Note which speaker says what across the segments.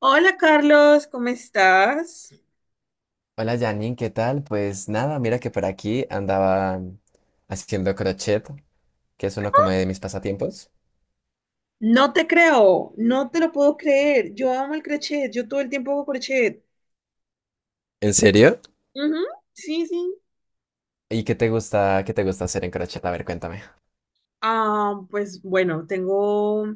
Speaker 1: Hola Carlos, ¿cómo estás?
Speaker 2: Hola Janine, ¿qué tal? Pues nada, mira que por aquí andaba haciendo crochet, que es uno como de mis pasatiempos.
Speaker 1: No te creo, no te lo puedo creer. Yo amo el crochet, yo todo el tiempo hago crochet.
Speaker 2: ¿En serio?
Speaker 1: Ujú. Sí, sí.
Speaker 2: ¿Y qué te gusta hacer en crochet? A ver, cuéntame.
Speaker 1: Ah, pues bueno, tengo,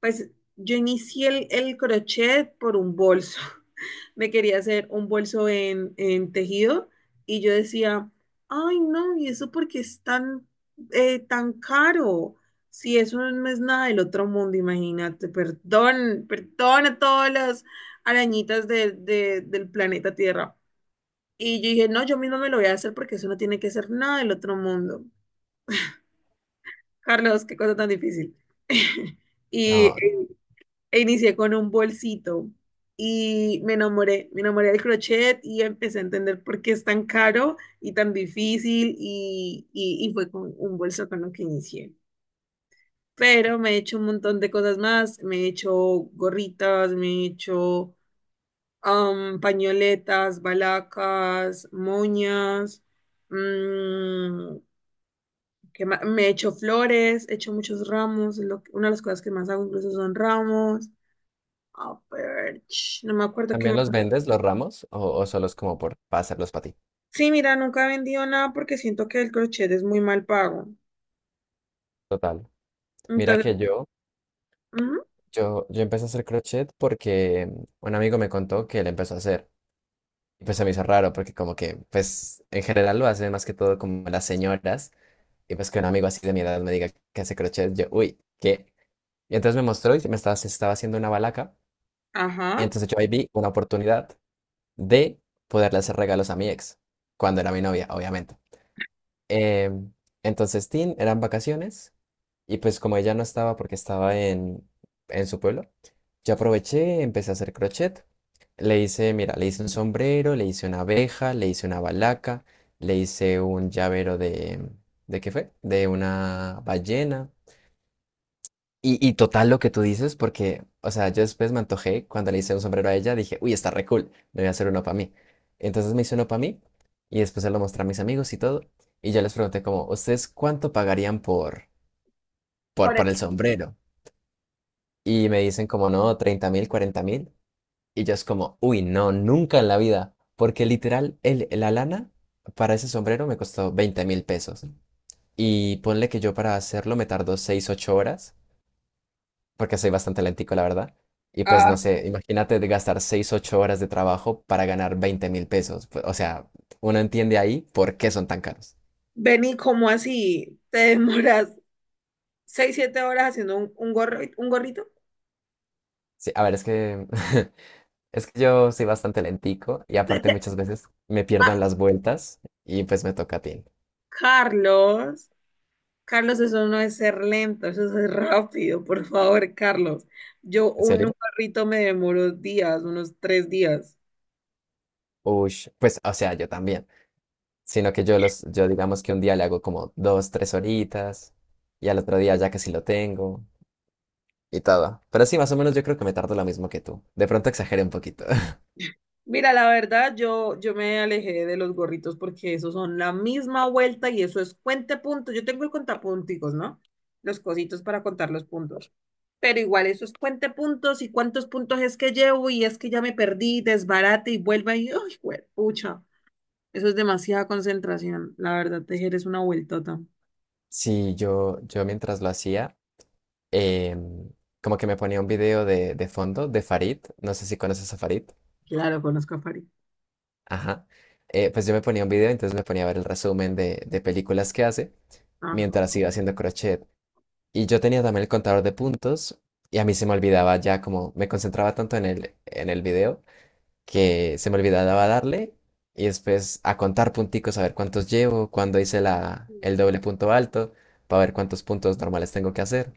Speaker 1: pues yo inicié el crochet por un bolso. Me quería hacer un bolso en tejido y yo decía, ay no, ¿y eso porque es tan, tan caro? Si eso no es nada del otro mundo, imagínate, perdón, perdón a todas las arañitas del planeta Tierra. Y yo dije, no, yo misma me lo voy a hacer porque eso no tiene que ser nada del otro mundo. Carlos, qué cosa tan difícil. Y
Speaker 2: No,
Speaker 1: e inicié con un bolsito y me enamoré del crochet y empecé a entender por qué es tan caro y tan difícil y fue con un bolso con lo que inicié. Pero me he hecho un montón de cosas más, me he hecho gorritas, me he hecho pañoletas, balacas, moñas. mm, que me echo flores, echo muchos ramos, una de las cosas que más hago incluso son ramos. Ah, pero, no me acuerdo qué
Speaker 2: ¿también
Speaker 1: más.
Speaker 2: los vendes, los ramos, o solo es como por para hacerlos para ti?
Speaker 1: Sí, mira, nunca he vendido nada porque siento que el crochet es muy mal pago.
Speaker 2: Total. Mira
Speaker 1: Entonces,
Speaker 2: que yo,
Speaker 1: ujú,
Speaker 2: yo, yo empecé a hacer crochet porque un amigo me contó que él empezó a hacer. Y pues se me hizo raro porque como que, pues en general lo hacen más que todo como las señoras. Y pues que un amigo así de mi edad me diga que hace crochet, yo, uy, ¿qué? Y entonces me mostró y se estaba haciendo una balaca. Y
Speaker 1: ajá.
Speaker 2: entonces yo ahí vi una oportunidad de poderle hacer regalos a mi ex, cuando era mi novia, obviamente. Em, entonces, Tin, eran vacaciones y pues como ella no estaba porque estaba en su pueblo, yo aproveché, empecé a hacer crochet. Le hice, mira, le hice un sombrero, le hice una abeja, le hice una balaca, le hice un llavero ¿de qué fue? De una ballena. Y total lo que tú dices, porque, o sea, yo después me antojé cuando le hice un sombrero a ella, dije, uy, está re cool, me voy a hacer uno para mí. Entonces me hice uno para mí y después se lo mostré a mis amigos y todo. Y yo les pregunté como, ¿ustedes cuánto pagarían por, por,
Speaker 1: Por
Speaker 2: por el
Speaker 1: eso.
Speaker 2: sombrero? Y me dicen como, no, 30,000, 40,000. Y yo es como, uy, no, nunca en la vida, porque literal, la lana para ese sombrero me costó 20,000 pesos. Y ponle que yo para hacerlo me tardó 6 u 8 horas. Porque soy bastante lentico, la verdad. Y pues
Speaker 1: Ah.
Speaker 2: no sé, imagínate de gastar 6 u 8 horas de trabajo para ganar 20,000 pesos. Pues, o sea, uno entiende ahí por qué son tan caros.
Speaker 1: Benny, ¿cómo así? ¿Te demoras seis, siete horas haciendo un gorro, un gorrito?
Speaker 2: Sí, a ver, es que, es que yo soy bastante lentico y aparte
Speaker 1: Vete
Speaker 2: muchas veces me pierdo
Speaker 1: a-
Speaker 2: en las vueltas y pues me toca a ti.
Speaker 1: Carlos. Carlos, eso no es ser lento, eso es rápido, por favor, Carlos. Yo
Speaker 2: ¿En
Speaker 1: un
Speaker 2: serio?
Speaker 1: carrito me demoro días, unos tres días.
Speaker 2: Ush, pues, o sea, yo también. Sino que yo digamos que un día le hago como 2, 3 horitas y al otro día ya casi lo tengo y todo. Pero sí, más o menos yo creo que me tardo lo mismo que tú. De pronto exageré un poquito.
Speaker 1: Mira, la verdad, yo me alejé de los gorritos porque esos son la misma vuelta y eso es cuente puntos. Yo tengo el contapunticos, ¿no? Los cositos para contar los puntos. Pero igual, eso es cuente puntos y cuántos puntos es que llevo y es que ya me perdí, desbarate y vuelva y, ¡ay, pucha! Eso es demasiada concentración. La verdad, tejer es una vueltota.
Speaker 2: Sí, yo mientras lo hacía, em, como que me ponía un video de fondo de Farid, no sé si conoces a Farid,
Speaker 1: Claro, conozco a París.
Speaker 2: ajá. Pues yo me ponía un video, entonces me ponía a ver el resumen de películas que hace
Speaker 1: Ajá.
Speaker 2: mientras iba haciendo crochet. Y yo tenía también el contador de puntos y a mí se me olvidaba ya como me concentraba tanto en el video que se me olvidaba darle y después a contar punticos, a ver cuántos llevo, cuándo hice el doble punto alto, para ver cuántos puntos normales tengo que hacer.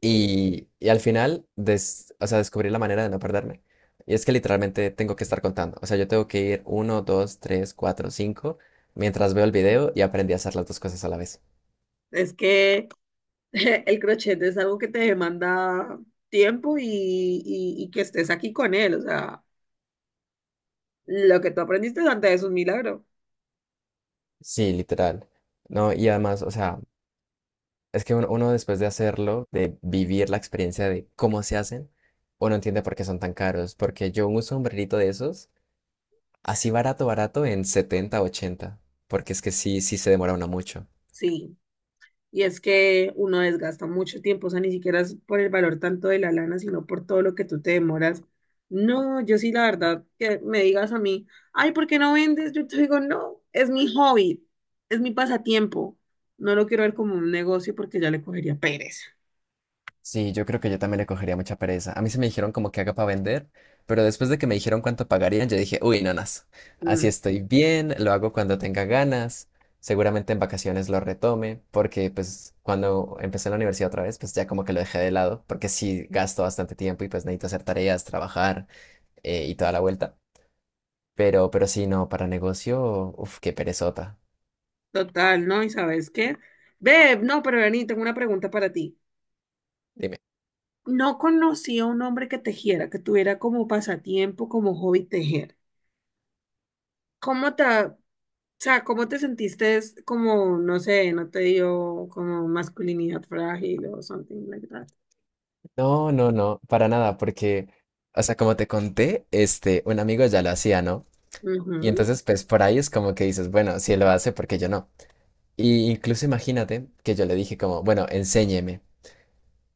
Speaker 2: Y al final, o sea, descubrí la manera de no perderme. Y es que literalmente tengo que estar contando. O sea, yo tengo que ir uno, dos, tres, cuatro, cinco, mientras veo el video y aprendí a hacer las dos cosas a la vez.
Speaker 1: Es que el crochet es algo que te demanda tiempo y que estés aquí con él. O sea, lo que tú aprendiste antes es un milagro.
Speaker 2: Sí, literal. No, y además, o sea, es que uno después de hacerlo, de vivir la experiencia de cómo se hacen, uno entiende por qué son tan caros. Porque yo un sombrerito de esos, así
Speaker 1: Sí.
Speaker 2: barato, barato, en 70 u 80. Porque es que sí, sí se demora uno mucho.
Speaker 1: Sí. Y es que uno desgasta mucho tiempo, o sea, ni siquiera es por el valor tanto de la lana, sino por todo lo que tú te demoras. No, yo sí, la verdad, que me digas a mí, ay, ¿por qué no vendes? Yo te digo, no, es mi hobby, es mi pasatiempo. No lo quiero ver como un negocio porque ya le cogería pereza.
Speaker 2: Sí, yo creo que yo también le cogería mucha pereza. A mí se me dijeron como que haga para vender, pero después de que me dijeron cuánto pagarían, yo dije, uy, nanas, así
Speaker 1: Mm.
Speaker 2: estoy bien, lo hago cuando tenga ganas, seguramente en vacaciones lo retome, porque pues cuando empecé en la universidad otra vez, pues ya como que lo dejé de lado, porque sí gasto bastante tiempo y pues necesito hacer tareas, trabajar, y toda la vuelta. Pero sí, no, para negocio, uff qué perezota.
Speaker 1: Total, ¿no? ¿Y sabes qué? Beb, no, pero vení, tengo una pregunta para ti.
Speaker 2: Dime.
Speaker 1: No conocía a un hombre que tejiera, que tuviera como pasatiempo, como hobby tejer. ¿Cómo te, o sea, cómo te sentiste es como, no sé, no te dio como masculinidad frágil o something like that?
Speaker 2: No, no, no, para nada, porque, o sea, como te conté, este, un amigo ya lo hacía, ¿no? Y
Speaker 1: Ujú.
Speaker 2: entonces, pues por ahí es como que dices, bueno, si él lo hace, ¿por qué yo no? Y incluso imagínate que yo le dije como, bueno, enséñeme.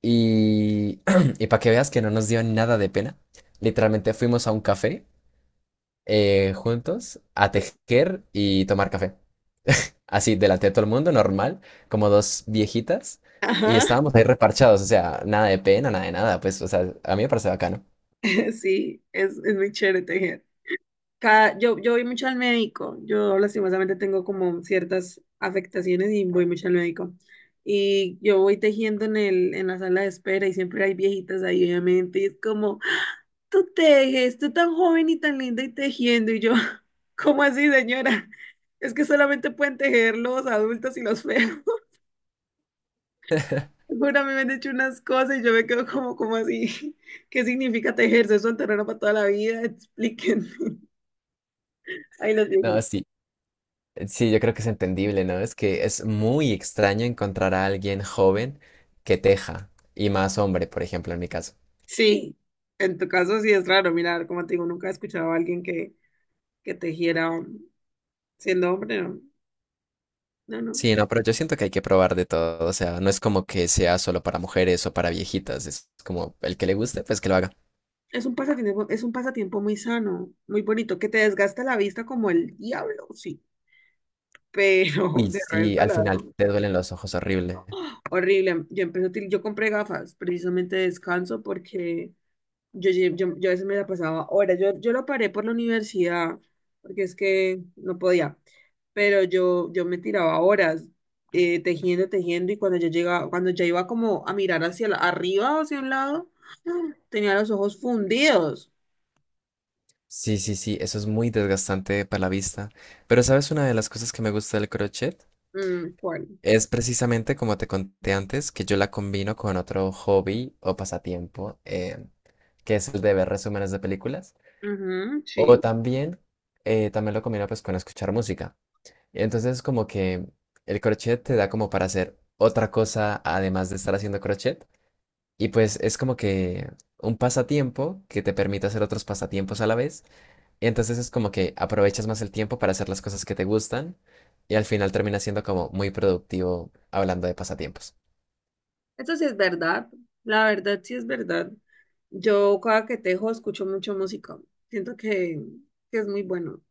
Speaker 2: Y, y para que veas que no nos dio nada de pena, literalmente fuimos a un café, juntos a tejer y tomar café. Así, delante de todo el mundo, normal, como dos viejitas. Y
Speaker 1: Ajá.
Speaker 2: estábamos ahí reparchados, o sea, nada de pena, nada de nada, pues, o sea, a mí me parece bacano.
Speaker 1: Sí, es muy chévere tejer. Cada, yo voy mucho al médico, yo lastimosamente tengo como ciertas afectaciones y voy mucho al médico. Y yo voy tejiendo en la sala de espera y siempre hay viejitas ahí, obviamente, y es como, tú tejes, tú tan joven y tan linda y tejiendo, y yo, ¿cómo así, señora? Es que solamente pueden tejer los adultos y los feos. Jura, me han hecho unas cosas y yo me quedo como, como así, ¿qué significa tejer? ¿Eso es un terreno para toda la vida? Explíquenme. Ay, los
Speaker 2: No,
Speaker 1: viejitos.
Speaker 2: sí, sí, yo creo que es entendible, ¿no? Es que es muy extraño encontrar a alguien joven que teja, y más hombre, por ejemplo, en mi caso.
Speaker 1: Sí, en tu caso sí es raro, mirar, como te digo, nunca he escuchado a alguien que tejiera siendo hombre, no, no, no.
Speaker 2: Sí, no, pero yo siento que hay que probar de todo, o sea, no es como que sea solo para mujeres o para viejitas, es como el que le guste, pues que lo haga.
Speaker 1: Es un pasatiempo muy sano, muy bonito, que te desgasta la vista como el diablo, sí, pero
Speaker 2: Uy,
Speaker 1: de
Speaker 2: sí,
Speaker 1: resto
Speaker 2: al
Speaker 1: la
Speaker 2: final te duelen los ojos horrible.
Speaker 1: horrible. Yo empecé yo compré gafas precisamente de descanso porque yo a veces me la pasaba horas. Yo lo paré por la universidad, porque es que no podía. Pero yo me tiraba horas tejiendo, tejiendo, y cuando yo llegaba, cuando ya iba como a mirar arriba o hacia un lado, tenía los ojos fundidos.
Speaker 2: Sí, sí, sí, eso es muy desgastante para la vista. Pero ¿sabes una de las cosas que me gusta del crochet?
Speaker 1: Mm, ¿cuál?
Speaker 2: Es precisamente como te conté antes que yo la combino con otro hobby o pasatiempo, que es el de ver resúmenes de películas.
Speaker 1: Ujú,
Speaker 2: O
Speaker 1: sí.
Speaker 2: también, también lo combino pues con escuchar música. Entonces como que el crochet te da como para hacer otra cosa además de estar haciendo crochet. Y pues es como que un pasatiempo que te permite hacer otros pasatiempos a la vez. Y Entonces es como que aprovechas más el tiempo para hacer las cosas que te gustan y al final termina siendo como muy productivo hablando de pasatiempos.
Speaker 1: Eso sí es verdad. La verdad sí es verdad. Yo cada que tejo escucho mucho música. Siento que es muy bueno.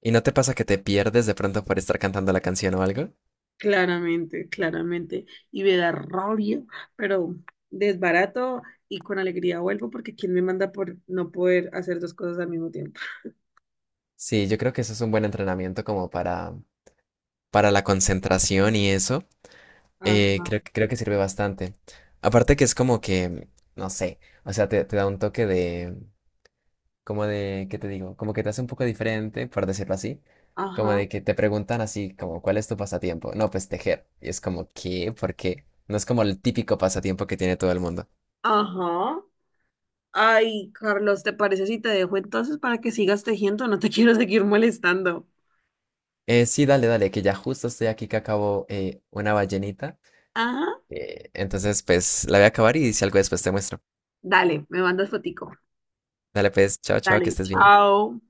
Speaker 2: ¿Y no te pasa que te pierdes de pronto por estar cantando la canción o algo?
Speaker 1: Claramente, claramente. Y me da rabia, pero desbarato y con alegría vuelvo porque ¿quién me manda por no poder hacer dos cosas al mismo tiempo?
Speaker 2: Sí, yo creo que eso es un buen entrenamiento como para la concentración y eso. eh,
Speaker 1: Ajá,
Speaker 2: creo, que- creo que sirve bastante. Aparte que es como que, no sé, o sea, te da un toque de, como de, ¿qué te digo? Como que te hace un poco diferente, por decirlo así. Como
Speaker 1: ajá,
Speaker 2: de que te preguntan así, como, ¿cuál es tu pasatiempo? No, pues tejer. Y es como, ¿qué? ¿Por qué? No es como el típico pasatiempo que tiene todo el mundo.
Speaker 1: ajá. Ay, Carlos, ¿te parece si te dejo entonces para que sigas tejiendo? No te quiero seguir molestando.
Speaker 2: Sí, dale, dale, que ya justo estoy aquí que acabo, una ballenita.
Speaker 1: Ajá.
Speaker 2: Entonces, pues la voy a acabar y si algo después te muestro.
Speaker 1: Dale, me mandas fotico.
Speaker 2: Dale, pues, chao, chao, que
Speaker 1: Dale,
Speaker 2: estés bien.
Speaker 1: chao.